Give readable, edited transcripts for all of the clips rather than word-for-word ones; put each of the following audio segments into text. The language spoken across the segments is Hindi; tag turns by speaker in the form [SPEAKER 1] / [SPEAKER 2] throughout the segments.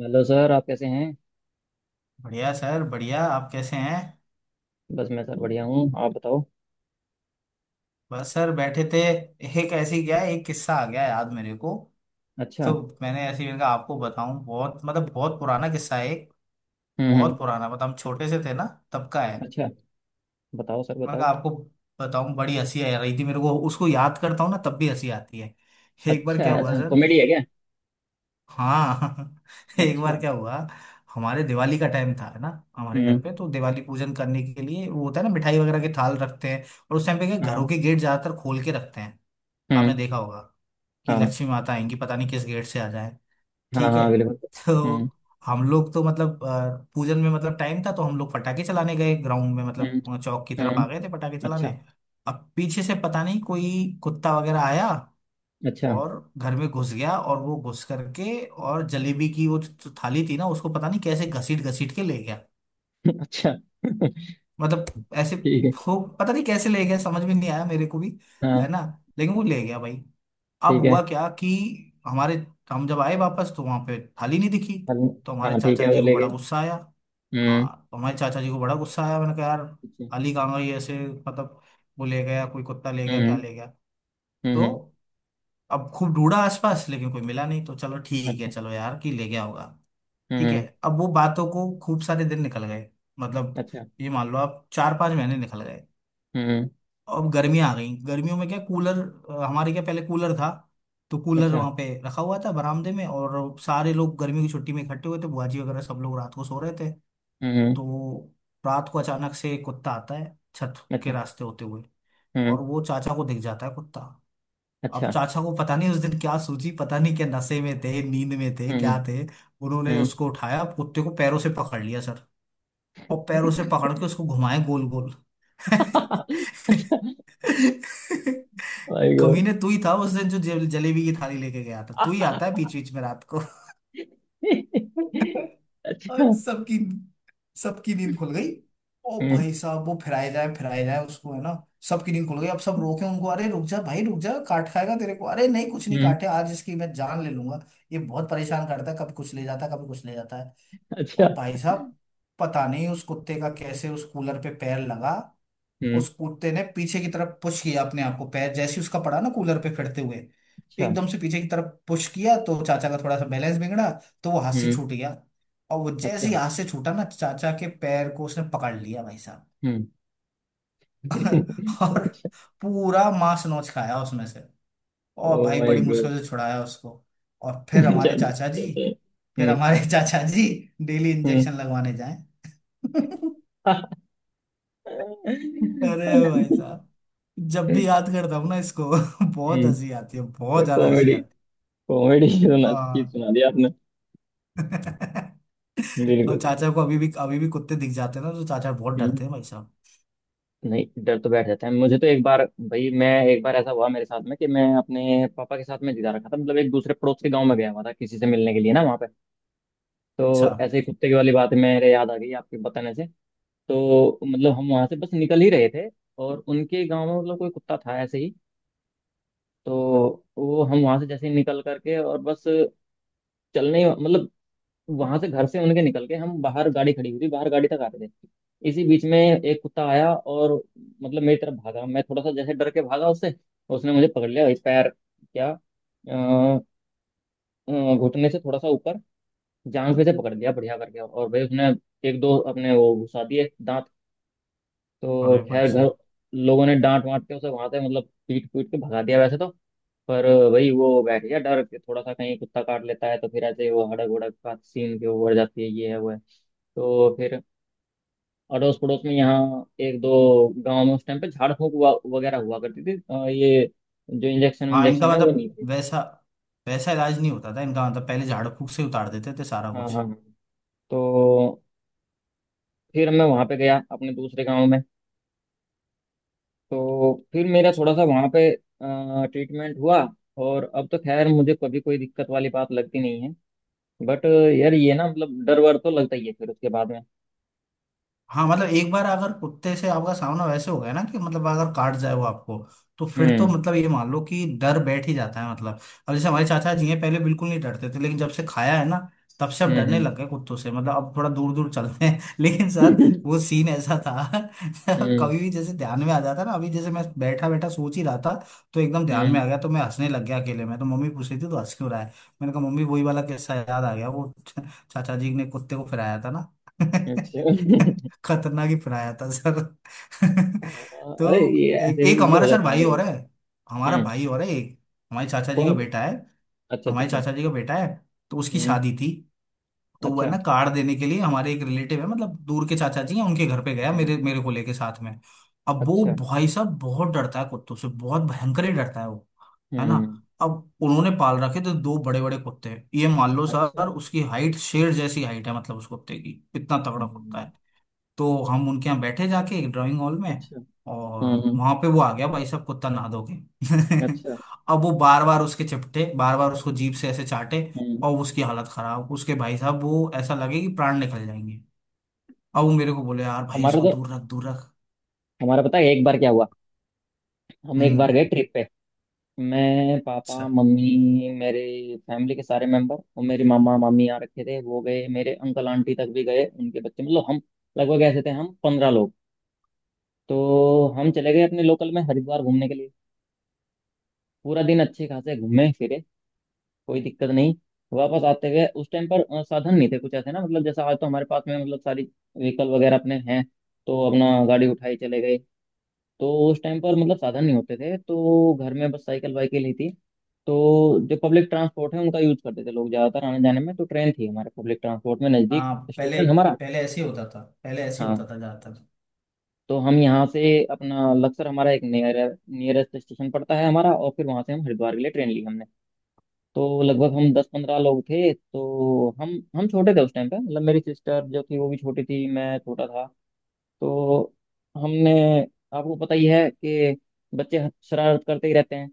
[SPEAKER 1] हेलो सर, आप कैसे हैं?
[SPEAKER 2] बढ़िया सर, बढ़िया। आप कैसे हैं?
[SPEAKER 1] बस मैं सर बढ़िया हूँ, आप बताओ।
[SPEAKER 2] बस सर, बैठे थे। एक ऐसी क्या एक किस्सा आ गया याद मेरे को। तो
[SPEAKER 1] अच्छा।
[SPEAKER 2] मैंने ऐसे ही, मैंने कहा आपको बताऊं, बहुत मतलब बहुत पुराना किस्सा है एक।
[SPEAKER 1] हम्म, हम्म।
[SPEAKER 2] बहुत पुराना, मतलब हम छोटे से थे ना, तब का है।
[SPEAKER 1] अच्छा, बताओ सर,
[SPEAKER 2] मैंने
[SPEAKER 1] बताओ।
[SPEAKER 2] कहा आपको बताऊं, बड़ी हंसी आ रही थी मेरे को, उसको याद करता हूँ ना तब भी हंसी आती है। एक बार
[SPEAKER 1] अच्छा
[SPEAKER 2] क्या
[SPEAKER 1] है।
[SPEAKER 2] हुआ
[SPEAKER 1] अच्छा,
[SPEAKER 2] सर
[SPEAKER 1] कॉमेडी
[SPEAKER 2] कि
[SPEAKER 1] है क्या?
[SPEAKER 2] हाँ एक बार
[SPEAKER 1] अच्छा।
[SPEAKER 2] क्या हुआ। हमारे दिवाली का टाइम था ना। हमारे घर
[SPEAKER 1] हम्म।
[SPEAKER 2] पे तो दिवाली पूजन करने के लिए वो होता है ना, मिठाई वगैरह के थाल रखते हैं। और उस टाइम पे क्या घरों
[SPEAKER 1] हाँ।
[SPEAKER 2] के गेट ज्यादातर खोल के रखते हैं। आपने
[SPEAKER 1] हम्म।
[SPEAKER 2] देखा होगा कि
[SPEAKER 1] हाँ,
[SPEAKER 2] लक्ष्मी माता आएंगी, पता नहीं किस गेट से आ जाए।
[SPEAKER 1] हाँ,
[SPEAKER 2] ठीक है।
[SPEAKER 1] हाँ, बिल्कुल। हम्म,
[SPEAKER 2] तो हम लोग तो मतलब पूजन में मतलब टाइम था, तो हम लोग पटाखे चलाने गए ग्राउंड में,
[SPEAKER 1] हम्म।
[SPEAKER 2] मतलब चौक की तरफ आ
[SPEAKER 1] हम्म।
[SPEAKER 2] गए थे पटाखे
[SPEAKER 1] अच्छा।
[SPEAKER 2] चलाने। अब पीछे से पता नहीं कोई कुत्ता वगैरह आया
[SPEAKER 1] अच्छा।
[SPEAKER 2] और घर में घुस गया, और वो घुस करके और जलेबी की वो जो थाली थी ना उसको पता नहीं कैसे घसीट घसीट के ले गया।
[SPEAKER 1] अच्छा।
[SPEAKER 2] मतलब ऐसे।
[SPEAKER 1] ठीक है।
[SPEAKER 2] वो पता नहीं कैसे ले गया, समझ में नहीं आया मेरे को भी। है
[SPEAKER 1] हाँ,
[SPEAKER 2] ना। लेकिन वो ले गया भाई। अब
[SPEAKER 1] ठीक है।
[SPEAKER 2] हुआ क्या कि हमारे हम जब आए वापस तो वहां पे थाली नहीं दिखी।
[SPEAKER 1] हल-
[SPEAKER 2] तो हमारे
[SPEAKER 1] हाँ, ठीक है,
[SPEAKER 2] चाचा
[SPEAKER 1] वो
[SPEAKER 2] जी को
[SPEAKER 1] लेके।
[SPEAKER 2] बड़ा गुस्सा आया।
[SPEAKER 1] हम्म।
[SPEAKER 2] हाँ, तो हमारे चाचा जी को बड़ा गुस्सा आया, मैंने कहा यार
[SPEAKER 1] अच्छा,
[SPEAKER 2] थाली कहाँ गई, ऐसे मतलब वो ले गया, कोई कुत्ता ले गया,
[SPEAKER 1] हम्म,
[SPEAKER 2] क्या ले गया।
[SPEAKER 1] हम्म।
[SPEAKER 2] तो अब खूब ढूंढा आसपास, लेकिन कोई मिला नहीं, तो चलो ठीक है,
[SPEAKER 1] अच्छा।
[SPEAKER 2] चलो यार कि ले गया होगा।
[SPEAKER 1] हम्म,
[SPEAKER 2] ठीक है। अब वो बातों को खूब सारे दिन निकल गए, मतलब
[SPEAKER 1] अच्छा।
[SPEAKER 2] ये मान लो आप 4-5 महीने निकल गए।
[SPEAKER 1] हम्म।
[SPEAKER 2] अब गर्मियां आ गई, गर्मियों में क्या कूलर, हमारे क्या पहले कूलर था। तो कूलर
[SPEAKER 1] अच्छा।
[SPEAKER 2] वहां पे रखा हुआ था बरामदे में, और सारे लोग गर्मी की छुट्टी में इकट्ठे हुए थे बुआ जी वगैरह, सब लोग रात को सो रहे थे।
[SPEAKER 1] हम्म,
[SPEAKER 2] तो रात को अचानक से कुत्ता आता है छत के
[SPEAKER 1] अच्छा।
[SPEAKER 2] रास्ते होते हुए, और
[SPEAKER 1] हम्म।
[SPEAKER 2] वो चाचा को दिख जाता है कुत्ता। अब
[SPEAKER 1] अच्छा।
[SPEAKER 2] चाचा को पता नहीं उस दिन क्या सूझी, पता नहीं क्या नशे में थे, नींद में थे, क्या
[SPEAKER 1] हम्म,
[SPEAKER 2] थे। उन्होंने
[SPEAKER 1] हम्म।
[SPEAKER 2] उसको उठाया, कुत्ते को पैरों से पकड़ लिया सर। और पैरों से पकड़ के उसको घुमाए गोल गोल।
[SPEAKER 1] अच्छा। My God.
[SPEAKER 2] कमीने, तू ही था उस दिन जो जलेबी की थाली लेके गया था, तू ही आता है बीच बीच में रात को।
[SPEAKER 1] अच्छा।
[SPEAKER 2] और सबकी सबकी नींद खुल गई। ओ
[SPEAKER 1] हम्म,
[SPEAKER 2] भाई साहब, वो फिराए जाए उसको, है ना। सबकी नींद खुल गई, अब सब रोके उनको, अरे रुक जा भाई रुक जा, काट खाएगा तेरे को, अरे नहीं कुछ नहीं,
[SPEAKER 1] हम्म।
[SPEAKER 2] काटे आज इसकी मैं जान ले लूंगा, ये बहुत परेशान करता है, कभी कुछ ले जाता है, कभी कुछ ले जाता है।
[SPEAKER 1] अच्छा।
[SPEAKER 2] और भाई साहब पता नहीं उस कुत्ते का कैसे उस कूलर पे पैर लगा।
[SPEAKER 1] हम्म।
[SPEAKER 2] उस कुत्ते ने पीछे की तरफ पुश किया अपने आप को, पैर जैसे ही उसका पड़ा ना कूलर पे फिरते हुए,
[SPEAKER 1] अच्छा।
[SPEAKER 2] एकदम से पीछे की तरफ पुश किया, तो चाचा का थोड़ा सा बैलेंस बिगड़ा, तो वो हाथ से
[SPEAKER 1] हम्म।
[SPEAKER 2] छूट गया। और वो जैसे
[SPEAKER 1] अच्छा।
[SPEAKER 2] ही हाथ से छूटा ना, चाचा के पैर को उसने पकड़ लिया भाई साहब।
[SPEAKER 1] हम्म।
[SPEAKER 2] और
[SPEAKER 1] अच्छा।
[SPEAKER 2] पूरा मांस नोच खाया उसमें से। और
[SPEAKER 1] ओ
[SPEAKER 2] भाई
[SPEAKER 1] माय
[SPEAKER 2] बड़ी
[SPEAKER 1] गॉड।
[SPEAKER 2] मुश्किल से छुड़ाया उसको। और फिर
[SPEAKER 1] अच्छा,
[SPEAKER 2] हमारे चाचा
[SPEAKER 1] अच्छा,
[SPEAKER 2] जी,
[SPEAKER 1] अच्छा,
[SPEAKER 2] फिर
[SPEAKER 1] हम्म,
[SPEAKER 2] हमारे चाचा जी डेली
[SPEAKER 1] हम्म।
[SPEAKER 2] इंजेक्शन लगवाने जाए। अरे भाई साहब, जब भी याद करता हूँ ना इसको बहुत हंसी आती है, बहुत ज्यादा हंसी
[SPEAKER 1] कॉमेडी।
[SPEAKER 2] आती
[SPEAKER 1] कॉमेडी। सुना,
[SPEAKER 2] है।
[SPEAKER 1] अच्छी
[SPEAKER 2] हाँ।
[SPEAKER 1] सुना दी आपने। बिल्कुल
[SPEAKER 2] अब
[SPEAKER 1] बिल्कुल।
[SPEAKER 2] चाचा को अभी भी कुत्ते दिख जाते हैं ना, तो चाचा बहुत
[SPEAKER 1] हम्म,
[SPEAKER 2] डरते हैं भाई साहब।
[SPEAKER 1] नहीं, डर तो बैठ जाता है। मुझे तो एक बार, भाई मैं एक बार ऐसा हुआ मेरे साथ में, कि मैं अपने पापा के साथ में जिता रखा था मतलब, एक दूसरे पड़ोस के गांव में गया हुआ था किसी से मिलने के लिए ना, वहाँ पे। तो
[SPEAKER 2] अच्छा।
[SPEAKER 1] ऐसे ही कुत्ते की वाली बात मेरे याद आ गई आपके बताने से। तो मतलब हम वहां से बस निकल ही रहे थे, और उनके गांव में मतलब कोई कुत्ता था ऐसे ही। तो वो हम वहां से जैसे ही निकल करके और बस मतलब, वहां से घर से उनके निकल के हम बाहर, गाड़ी खड़ी हुई थी बाहर, गाड़ी तक आ रहे थे। इसी बीच में एक कुत्ता आया और मतलब मेरी तरफ भागा, मैं थोड़ा सा जैसे डर के भागा उससे। उसने मुझे पकड़ लिया इस पैर क्या, अ, घुटने से थोड़ा सा ऊपर, जांग पे से पकड़ लिया बढ़िया करके, और भाई उसने एक दो अपने वो घुसा दिए दांत। तो
[SPEAKER 2] अरे भाई
[SPEAKER 1] खैर घर,
[SPEAKER 2] साहब।
[SPEAKER 1] लोगों ने डांट वांट के उसे वहां से मतलब पीट पीट के भगा दिया वैसे तो। पर भाई वो बैठ गया डर के थोड़ा सा, कहीं कुत्ता काट लेता है तो फिर ऐसे वो हड़क उड़क का सीन के ऊपर जाती है, ये है वो है। तो फिर अड़ोस पड़ोस में यहाँ एक दो गांव में उस टाइम पे झाड़ फूंक हुआ वगैरह हुआ करती थी, ये जो इंजेक्शन
[SPEAKER 2] हाँ, इनका
[SPEAKER 1] इंजेक्शन है वो नहीं
[SPEAKER 2] मतलब
[SPEAKER 1] थे।
[SPEAKER 2] वैसा, वैसा इलाज नहीं होता था इनका, मतलब पहले झाड़ फूक से उतार देते थे सारा
[SPEAKER 1] हाँ हाँ
[SPEAKER 2] कुछ।
[SPEAKER 1] हाँ। तो फिर मैं वहां पे गया अपने दूसरे गांव में, तो फिर मेरा थोड़ा सा वहाँ पे ट्रीटमेंट हुआ। और अब तो खैर मुझे कभी कोई दिक्कत वाली बात लगती नहीं है, बट यार ये ना मतलब डर वर तो लगता ही है फिर उसके बाद में।
[SPEAKER 2] हाँ, मतलब एक बार अगर कुत्ते से आपका सामना वैसे हो गया ना कि मतलब अगर काट जाए वो आपको, तो फिर तो
[SPEAKER 1] हम्म,
[SPEAKER 2] मतलब ये मान लो कि डर बैठ ही जाता है, मतलब अब जैसे हमारे चाचा जी हैं, पहले बिल्कुल नहीं डरते थे लेकिन जब से खाया है ना तब से अब
[SPEAKER 1] हम्म,
[SPEAKER 2] डरने
[SPEAKER 1] हम्म।
[SPEAKER 2] लग गए कुत्तों से, मतलब अब थोड़ा दूर दूर चलते हैं। लेकिन सर वो सीन ऐसा था।
[SPEAKER 1] हम्म,
[SPEAKER 2] कभी भी जैसे ध्यान में आ जाता ना, अभी जैसे मैं बैठा बैठा सोच ही रहा था तो एकदम ध्यान में
[SPEAKER 1] हम्म,
[SPEAKER 2] आ गया तो मैं हंसने लग गया अकेले में, तो मम्मी पूछ रही थी तो हंस क्यों रहा है। मैंने कहा मम्मी वही वाला किस्सा याद आ गया वो, चाचा जी ने कुत्ते को फिराया था ना।
[SPEAKER 1] अच्छा।
[SPEAKER 2] खतरनाक ही पढ़ाया था सर।
[SPEAKER 1] हाँ, अरे
[SPEAKER 2] तो
[SPEAKER 1] ये ऐसे
[SPEAKER 2] एक
[SPEAKER 1] ऐसी
[SPEAKER 2] एक
[SPEAKER 1] चीजें हो
[SPEAKER 2] हमारा सर
[SPEAKER 1] जाती हैं
[SPEAKER 2] भाई
[SPEAKER 1] कभी।
[SPEAKER 2] और है, हमारा
[SPEAKER 1] हम्म।
[SPEAKER 2] भाई और है एक, हमारे चाचा जी
[SPEAKER 1] कौन?
[SPEAKER 2] का बेटा है।
[SPEAKER 1] अच्छा, अच्छा,
[SPEAKER 2] हमारे
[SPEAKER 1] अच्छा।
[SPEAKER 2] चाचा जी का बेटा है। तो उसकी
[SPEAKER 1] हम्म।
[SPEAKER 2] शादी थी, तो वह
[SPEAKER 1] अच्छा।
[SPEAKER 2] ना कार्ड देने के लिए हमारे एक रिलेटिव है, मतलब दूर के चाचा जी हैं, उनके घर पे गया
[SPEAKER 1] हम्म।
[SPEAKER 2] मेरे मेरे को लेके साथ में। अब वो
[SPEAKER 1] अच्छा।
[SPEAKER 2] भाई साहब बहुत डरता है कुत्तों से, बहुत भयंकर ही डरता है वो, है ना।
[SPEAKER 1] हम्म।
[SPEAKER 2] अब उन्होंने पाल रखे थे दो बड़े बड़े कुत्ते। ये मान लो
[SPEAKER 1] अच्छा।
[SPEAKER 2] सर उसकी हाइट शेर जैसी हाइट है, मतलब उस कुत्ते की, इतना तगड़ा कुत्ता
[SPEAKER 1] हम्म।
[SPEAKER 2] है। तो हम उनके यहाँ बैठे जाके एक ड्राइंग हॉल में,
[SPEAKER 1] अच्छा।
[SPEAKER 2] और
[SPEAKER 1] हम्म,
[SPEAKER 2] वहां पे वो आ गया भाई साहब कुत्ता नहा धो के।
[SPEAKER 1] अच्छा।
[SPEAKER 2] अब वो बार बार उसके चिपटे, बार बार उसको जीभ से ऐसे चाटे,
[SPEAKER 1] हम्म।
[SPEAKER 2] और उसकी हालत खराब, उसके भाई साहब वो ऐसा लगे कि प्राण निकल जाएंगे। अब वो मेरे को बोले यार भाई
[SPEAKER 1] हमारा
[SPEAKER 2] इसको
[SPEAKER 1] तो
[SPEAKER 2] दूर रख, दूर रख।
[SPEAKER 1] हमारा पता है एक बार क्या हुआ। हम एक बार
[SPEAKER 2] हम्म।
[SPEAKER 1] गए ट्रिप पे, मैं, पापा,
[SPEAKER 2] सर।
[SPEAKER 1] मम्मी, मेरे फैमिली के सारे मेंबर, और मेरे मामा मामी आ रखे थे वो गए, मेरे अंकल आंटी तक भी गए, उनके बच्चे, मतलब हम लगभग ऐसे थे हम 15 लोग। तो हम चले गए अपने लोकल में हरिद्वार घूमने के लिए। पूरा दिन अच्छे खासे घूमे फिरे, कोई दिक्कत नहीं। वापस आते हुए उस टाइम पर साधन नहीं थे कुछ ऐसे ना, मतलब जैसा आज तो हमारे पास में मतलब सारी व्हीकल वगैरह अपने हैं, तो अपना गाड़ी उठाई चले गए। तो उस टाइम पर मतलब साधन नहीं होते थे, तो घर में बस साइकिल वाइकिल ही थी। तो जो पब्लिक ट्रांसपोर्ट है उनका यूज करते थे लोग ज्यादातर आने जाने में, तो ट्रेन थी हमारे पब्लिक ट्रांसपोर्ट में, नजदीक
[SPEAKER 2] हाँ पहले
[SPEAKER 1] स्टेशन हमारा।
[SPEAKER 2] पहले ऐसे ही होता था, पहले ऐसे ही होता
[SPEAKER 1] हाँ,
[SPEAKER 2] था ज्यादातर।
[SPEAKER 1] तो हम यहाँ से अपना लक्सर हमारा एक नियरेस्ट स्टेशन पड़ता है हमारा, और फिर वहां से हम हरिद्वार के लिए ट्रेन ली हमने। तो लगभग हम 10-15 लोग थे। तो हम छोटे थे उस टाइम पे, मतलब मेरी सिस्टर जो थी वो भी छोटी थी, मैं छोटा था। तो हमने, आपको पता ही है कि बच्चे शरारत करते ही रहते हैं।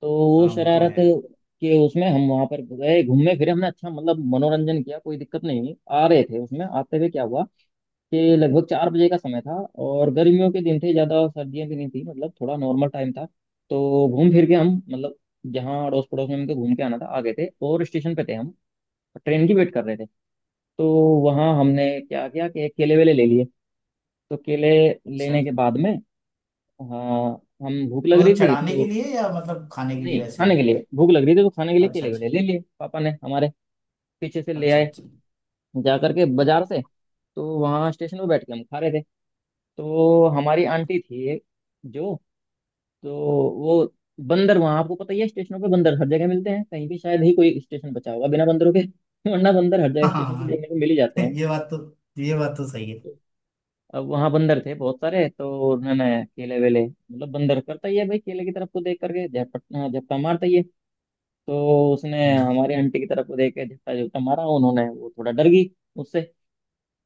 [SPEAKER 1] तो वो
[SPEAKER 2] हाँ वो तो
[SPEAKER 1] शरारत
[SPEAKER 2] है।
[SPEAKER 1] के उसमें हम वहां पर गए, घूमे फिरे, हमने अच्छा मतलब मनोरंजन किया, कोई दिक्कत नहीं हुई। आ रहे थे, उसमें आते हुए क्या हुआ कि लगभग 4 बजे का समय था, और गर्मियों के दिन थे, ज्यादा सर्दियां भी नहीं थी, मतलब थोड़ा नॉर्मल टाइम था। तो घूम फिर के हम मतलब, जहाँ अड़ोस पड़ोस में हमको घूम के आना था आ गए थे, और स्टेशन पे थे हम, ट्रेन की वेट कर रहे थे। तो वहाँ हमने क्या किया कि केले वेले ले लिए। तो केले
[SPEAKER 2] अच्छा।
[SPEAKER 1] लेने के बाद में, हाँ, हम भूख
[SPEAKER 2] तो
[SPEAKER 1] लग रही
[SPEAKER 2] मतलब
[SPEAKER 1] थी
[SPEAKER 2] चढ़ाने के
[SPEAKER 1] तो,
[SPEAKER 2] लिए या मतलब खाने के लिए
[SPEAKER 1] नहीं,
[SPEAKER 2] वैसे ही?
[SPEAKER 1] खाने के लिए भूख लग रही थी तो खाने के लिए
[SPEAKER 2] अच्छा
[SPEAKER 1] केले
[SPEAKER 2] अच्छा।
[SPEAKER 1] वेले ले लिए पापा ने हमारे, पीछे से ले
[SPEAKER 2] अच्छा
[SPEAKER 1] आए
[SPEAKER 2] अच्छा।
[SPEAKER 1] जा करके बाजार से। तो वहाँ स्टेशन पे बैठ के हम खा रहे थे। तो हमारी आंटी थी एक जो, तो वो, बंदर वहाँ, आपको पता ही है स्टेशनों पे बंदर हर जगह मिलते हैं, कहीं भी शायद ही कोई स्टेशन बचा होगा बिना बंदरों के। वरना बंदर हर जगह स्टेशन पे
[SPEAKER 2] हाँ।
[SPEAKER 1] देखने को मिल ही जाते हैं।
[SPEAKER 2] ये बात तो, ये बात तो सही है।
[SPEAKER 1] तो अब वहाँ बंदर थे बहुत सारे, तो उन्होंने केले वेले, मतलब बंदर करता ही है भाई केले की तरफ को देख करके झपटा मारता ही है। तो उसने
[SPEAKER 2] हम्म।
[SPEAKER 1] हमारी आंटी की तरफ को देख के झपटा झपटा मारा, उन्होंने वो थोड़ा डर गई उससे।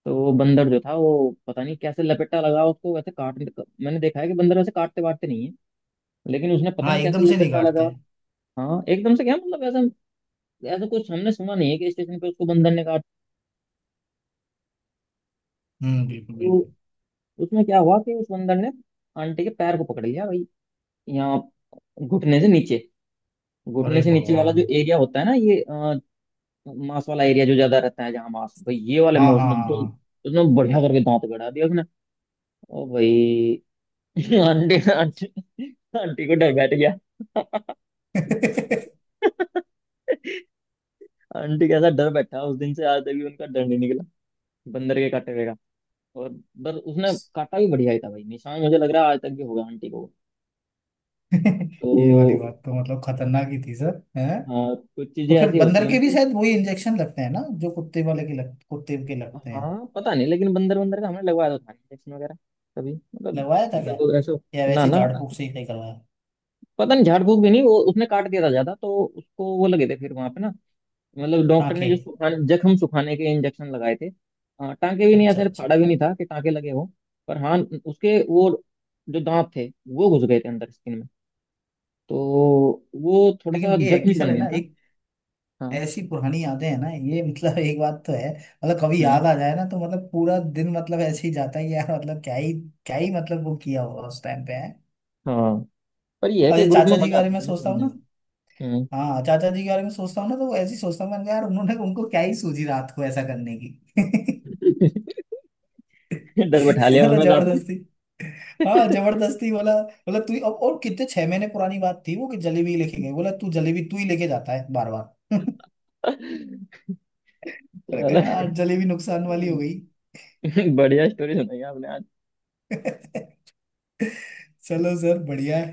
[SPEAKER 1] तो वो बंदर जो था वो, पता नहीं कैसे लपेटा लगा उसको वैसे काट। मैंने देखा है कि बंदर वैसे काटते वाटते नहीं है, लेकिन उसने पता
[SPEAKER 2] हाँ,
[SPEAKER 1] नहीं कैसे
[SPEAKER 2] एकदम से नहीं
[SPEAKER 1] लपेटा लगा।
[SPEAKER 2] काटते।
[SPEAKER 1] हाँ, एकदम से क्या मतलब, ऐसा ऐसा कुछ हमने सुना नहीं है कि स्टेशन पे उसको बंदर ने काट।
[SPEAKER 2] हम्म, बिल्कुल
[SPEAKER 1] तो
[SPEAKER 2] बिल्कुल।
[SPEAKER 1] उसमें क्या हुआ कि उस बंदर ने आंटी के पैर को पकड़ लिया भाई, यहाँ घुटने से नीचे, घुटने
[SPEAKER 2] अरे
[SPEAKER 1] से नीचे वाला जो
[SPEAKER 2] भगवान।
[SPEAKER 1] एरिया होता है ना ये, मांस वाला एरिया जो ज्यादा रहता है, जहाँ मांस, भाई ये वाले
[SPEAKER 2] हाँ
[SPEAKER 1] में
[SPEAKER 2] हाँ
[SPEAKER 1] उसने
[SPEAKER 2] हाँ
[SPEAKER 1] दो,
[SPEAKER 2] हाँ।
[SPEAKER 1] उसने बढ़िया करके दांत गड़ा दिया उसने। ओ भाई! आंटी, आंटी, आंटी को डर बैठ गया। आंटी कैसा डर बैठा, उस दिन से आज तक भी उनका डर नहीं निकला बंदर के काटे हुए का। और बस, उसने काटा भी बढ़िया ही था भाई, निशान मुझे लग रहा है आज तक भी होगा आंटी को।
[SPEAKER 2] ये वाली
[SPEAKER 1] तो
[SPEAKER 2] बात तो मतलब खतरनाक ही थी सर, है।
[SPEAKER 1] हाँ, कुछ चीजें
[SPEAKER 2] तो फिर
[SPEAKER 1] ऐसी होती
[SPEAKER 2] बंदर
[SPEAKER 1] हैं
[SPEAKER 2] के भी
[SPEAKER 1] मतलब।
[SPEAKER 2] शायद वही इंजेक्शन लगते हैं ना जो कुत्ते वाले के कुत्ते के लगते हैं।
[SPEAKER 1] हाँ, पता नहीं, लेकिन बंदर, बंदर का हमने लगवाया तो था इंजेक्शन वगैरह, कभी मतलब,
[SPEAKER 2] लगवाया था क्या?
[SPEAKER 1] लगभग ऐसा।
[SPEAKER 2] या
[SPEAKER 1] ना
[SPEAKER 2] वैसे ही
[SPEAKER 1] ना,
[SPEAKER 2] झाड़ फूक से ही कहीं करवाया?
[SPEAKER 1] पता नहीं, झाड़ फूक भी नहीं, वो उसने काट दिया था ज्यादा तो उसको वो लगे थे फिर वहां पे ना, मतलब डॉक्टर ने
[SPEAKER 2] टाँके।
[SPEAKER 1] जो सुखाने जख्म सुखाने के इंजेक्शन लगाए थे। हाँ, टांके भी नहीं,
[SPEAKER 2] अच्छा
[SPEAKER 1] ऐसे
[SPEAKER 2] अच्छा।
[SPEAKER 1] फाड़ा भी नहीं था कि टांके लगे हो। पर हाँ, उसके वो जो दांत थे वो घुस गए थे अंदर स्किन में, तो वो थोड़ा
[SPEAKER 2] लेकिन
[SPEAKER 1] सा
[SPEAKER 2] ये है कि
[SPEAKER 1] जख्म
[SPEAKER 2] सर
[SPEAKER 1] बन
[SPEAKER 2] है
[SPEAKER 1] गया
[SPEAKER 2] ना
[SPEAKER 1] था।
[SPEAKER 2] एक,
[SPEAKER 1] हाँ।
[SPEAKER 2] ऐसी पुरानी यादें हैं ना ये, मतलब एक बात तो है, मतलब कभी
[SPEAKER 1] हम्म।
[SPEAKER 2] याद आ जाए ना तो मतलब पूरा दिन मतलब ऐसे ही जाता है कि यार मतलब क्या ही, क्या ही मतलब वो किया हुआ उस टाइम पे है।
[SPEAKER 1] हाँ, पर ये है
[SPEAKER 2] अब
[SPEAKER 1] कि
[SPEAKER 2] ये
[SPEAKER 1] ग्रुप में
[SPEAKER 2] चाचा जी के
[SPEAKER 1] मजा
[SPEAKER 2] बारे
[SPEAKER 1] आता
[SPEAKER 2] में
[SPEAKER 1] था यार
[SPEAKER 2] सोचता हूँ
[SPEAKER 1] बढ़िया में।
[SPEAKER 2] ना,
[SPEAKER 1] हम्म।
[SPEAKER 2] हाँ चाचा जी के बारे में सोचता हूँ ना तो वो ऐसी सोचता हूँ, मैंने कहा, यार उन्होंने उनको क्या ही सूझी रात को ऐसा करने की।
[SPEAKER 1] डर बैठा लिया
[SPEAKER 2] मतलब
[SPEAKER 1] उन्होंने रात में।
[SPEAKER 2] जबरदस्ती, हाँ जबरदस्ती बोला बोला अब और कितने 6 महीने पुरानी बात थी वो कि जलेबी लेके गए, बोला तू जलेबी तू ही लेके जाता है बार बार। मैंने कहा
[SPEAKER 1] चलो,
[SPEAKER 2] यार जलेबी नुकसान वाली हो गई।
[SPEAKER 1] बढ़िया स्टोरी सुनाई आपने आज।
[SPEAKER 2] चलो सर बढ़िया है।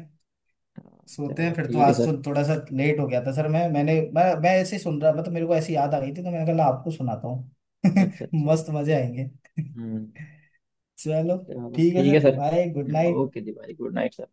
[SPEAKER 1] हाँ,
[SPEAKER 2] सोते हैं
[SPEAKER 1] चलो
[SPEAKER 2] फिर, तो
[SPEAKER 1] ठीक है
[SPEAKER 2] आज तो
[SPEAKER 1] सर।
[SPEAKER 2] थोड़ा सा लेट हो गया था सर, मैं मैंने मैं ऐसे ही सुन रहा था तो मेरे को ऐसी याद आ गई थी तो मैंने कहा आपको सुनाता हूँ।
[SPEAKER 1] अच्छा, अच्छा।
[SPEAKER 2] मस्त मजे आएंगे।
[SPEAKER 1] हम्म।
[SPEAKER 2] चलो
[SPEAKER 1] चलो
[SPEAKER 2] ठीक है
[SPEAKER 1] ठीक है
[SPEAKER 2] sir,
[SPEAKER 1] sir.
[SPEAKER 2] Bye good night.
[SPEAKER 1] Okay जी भाई, गुड नाइट सर।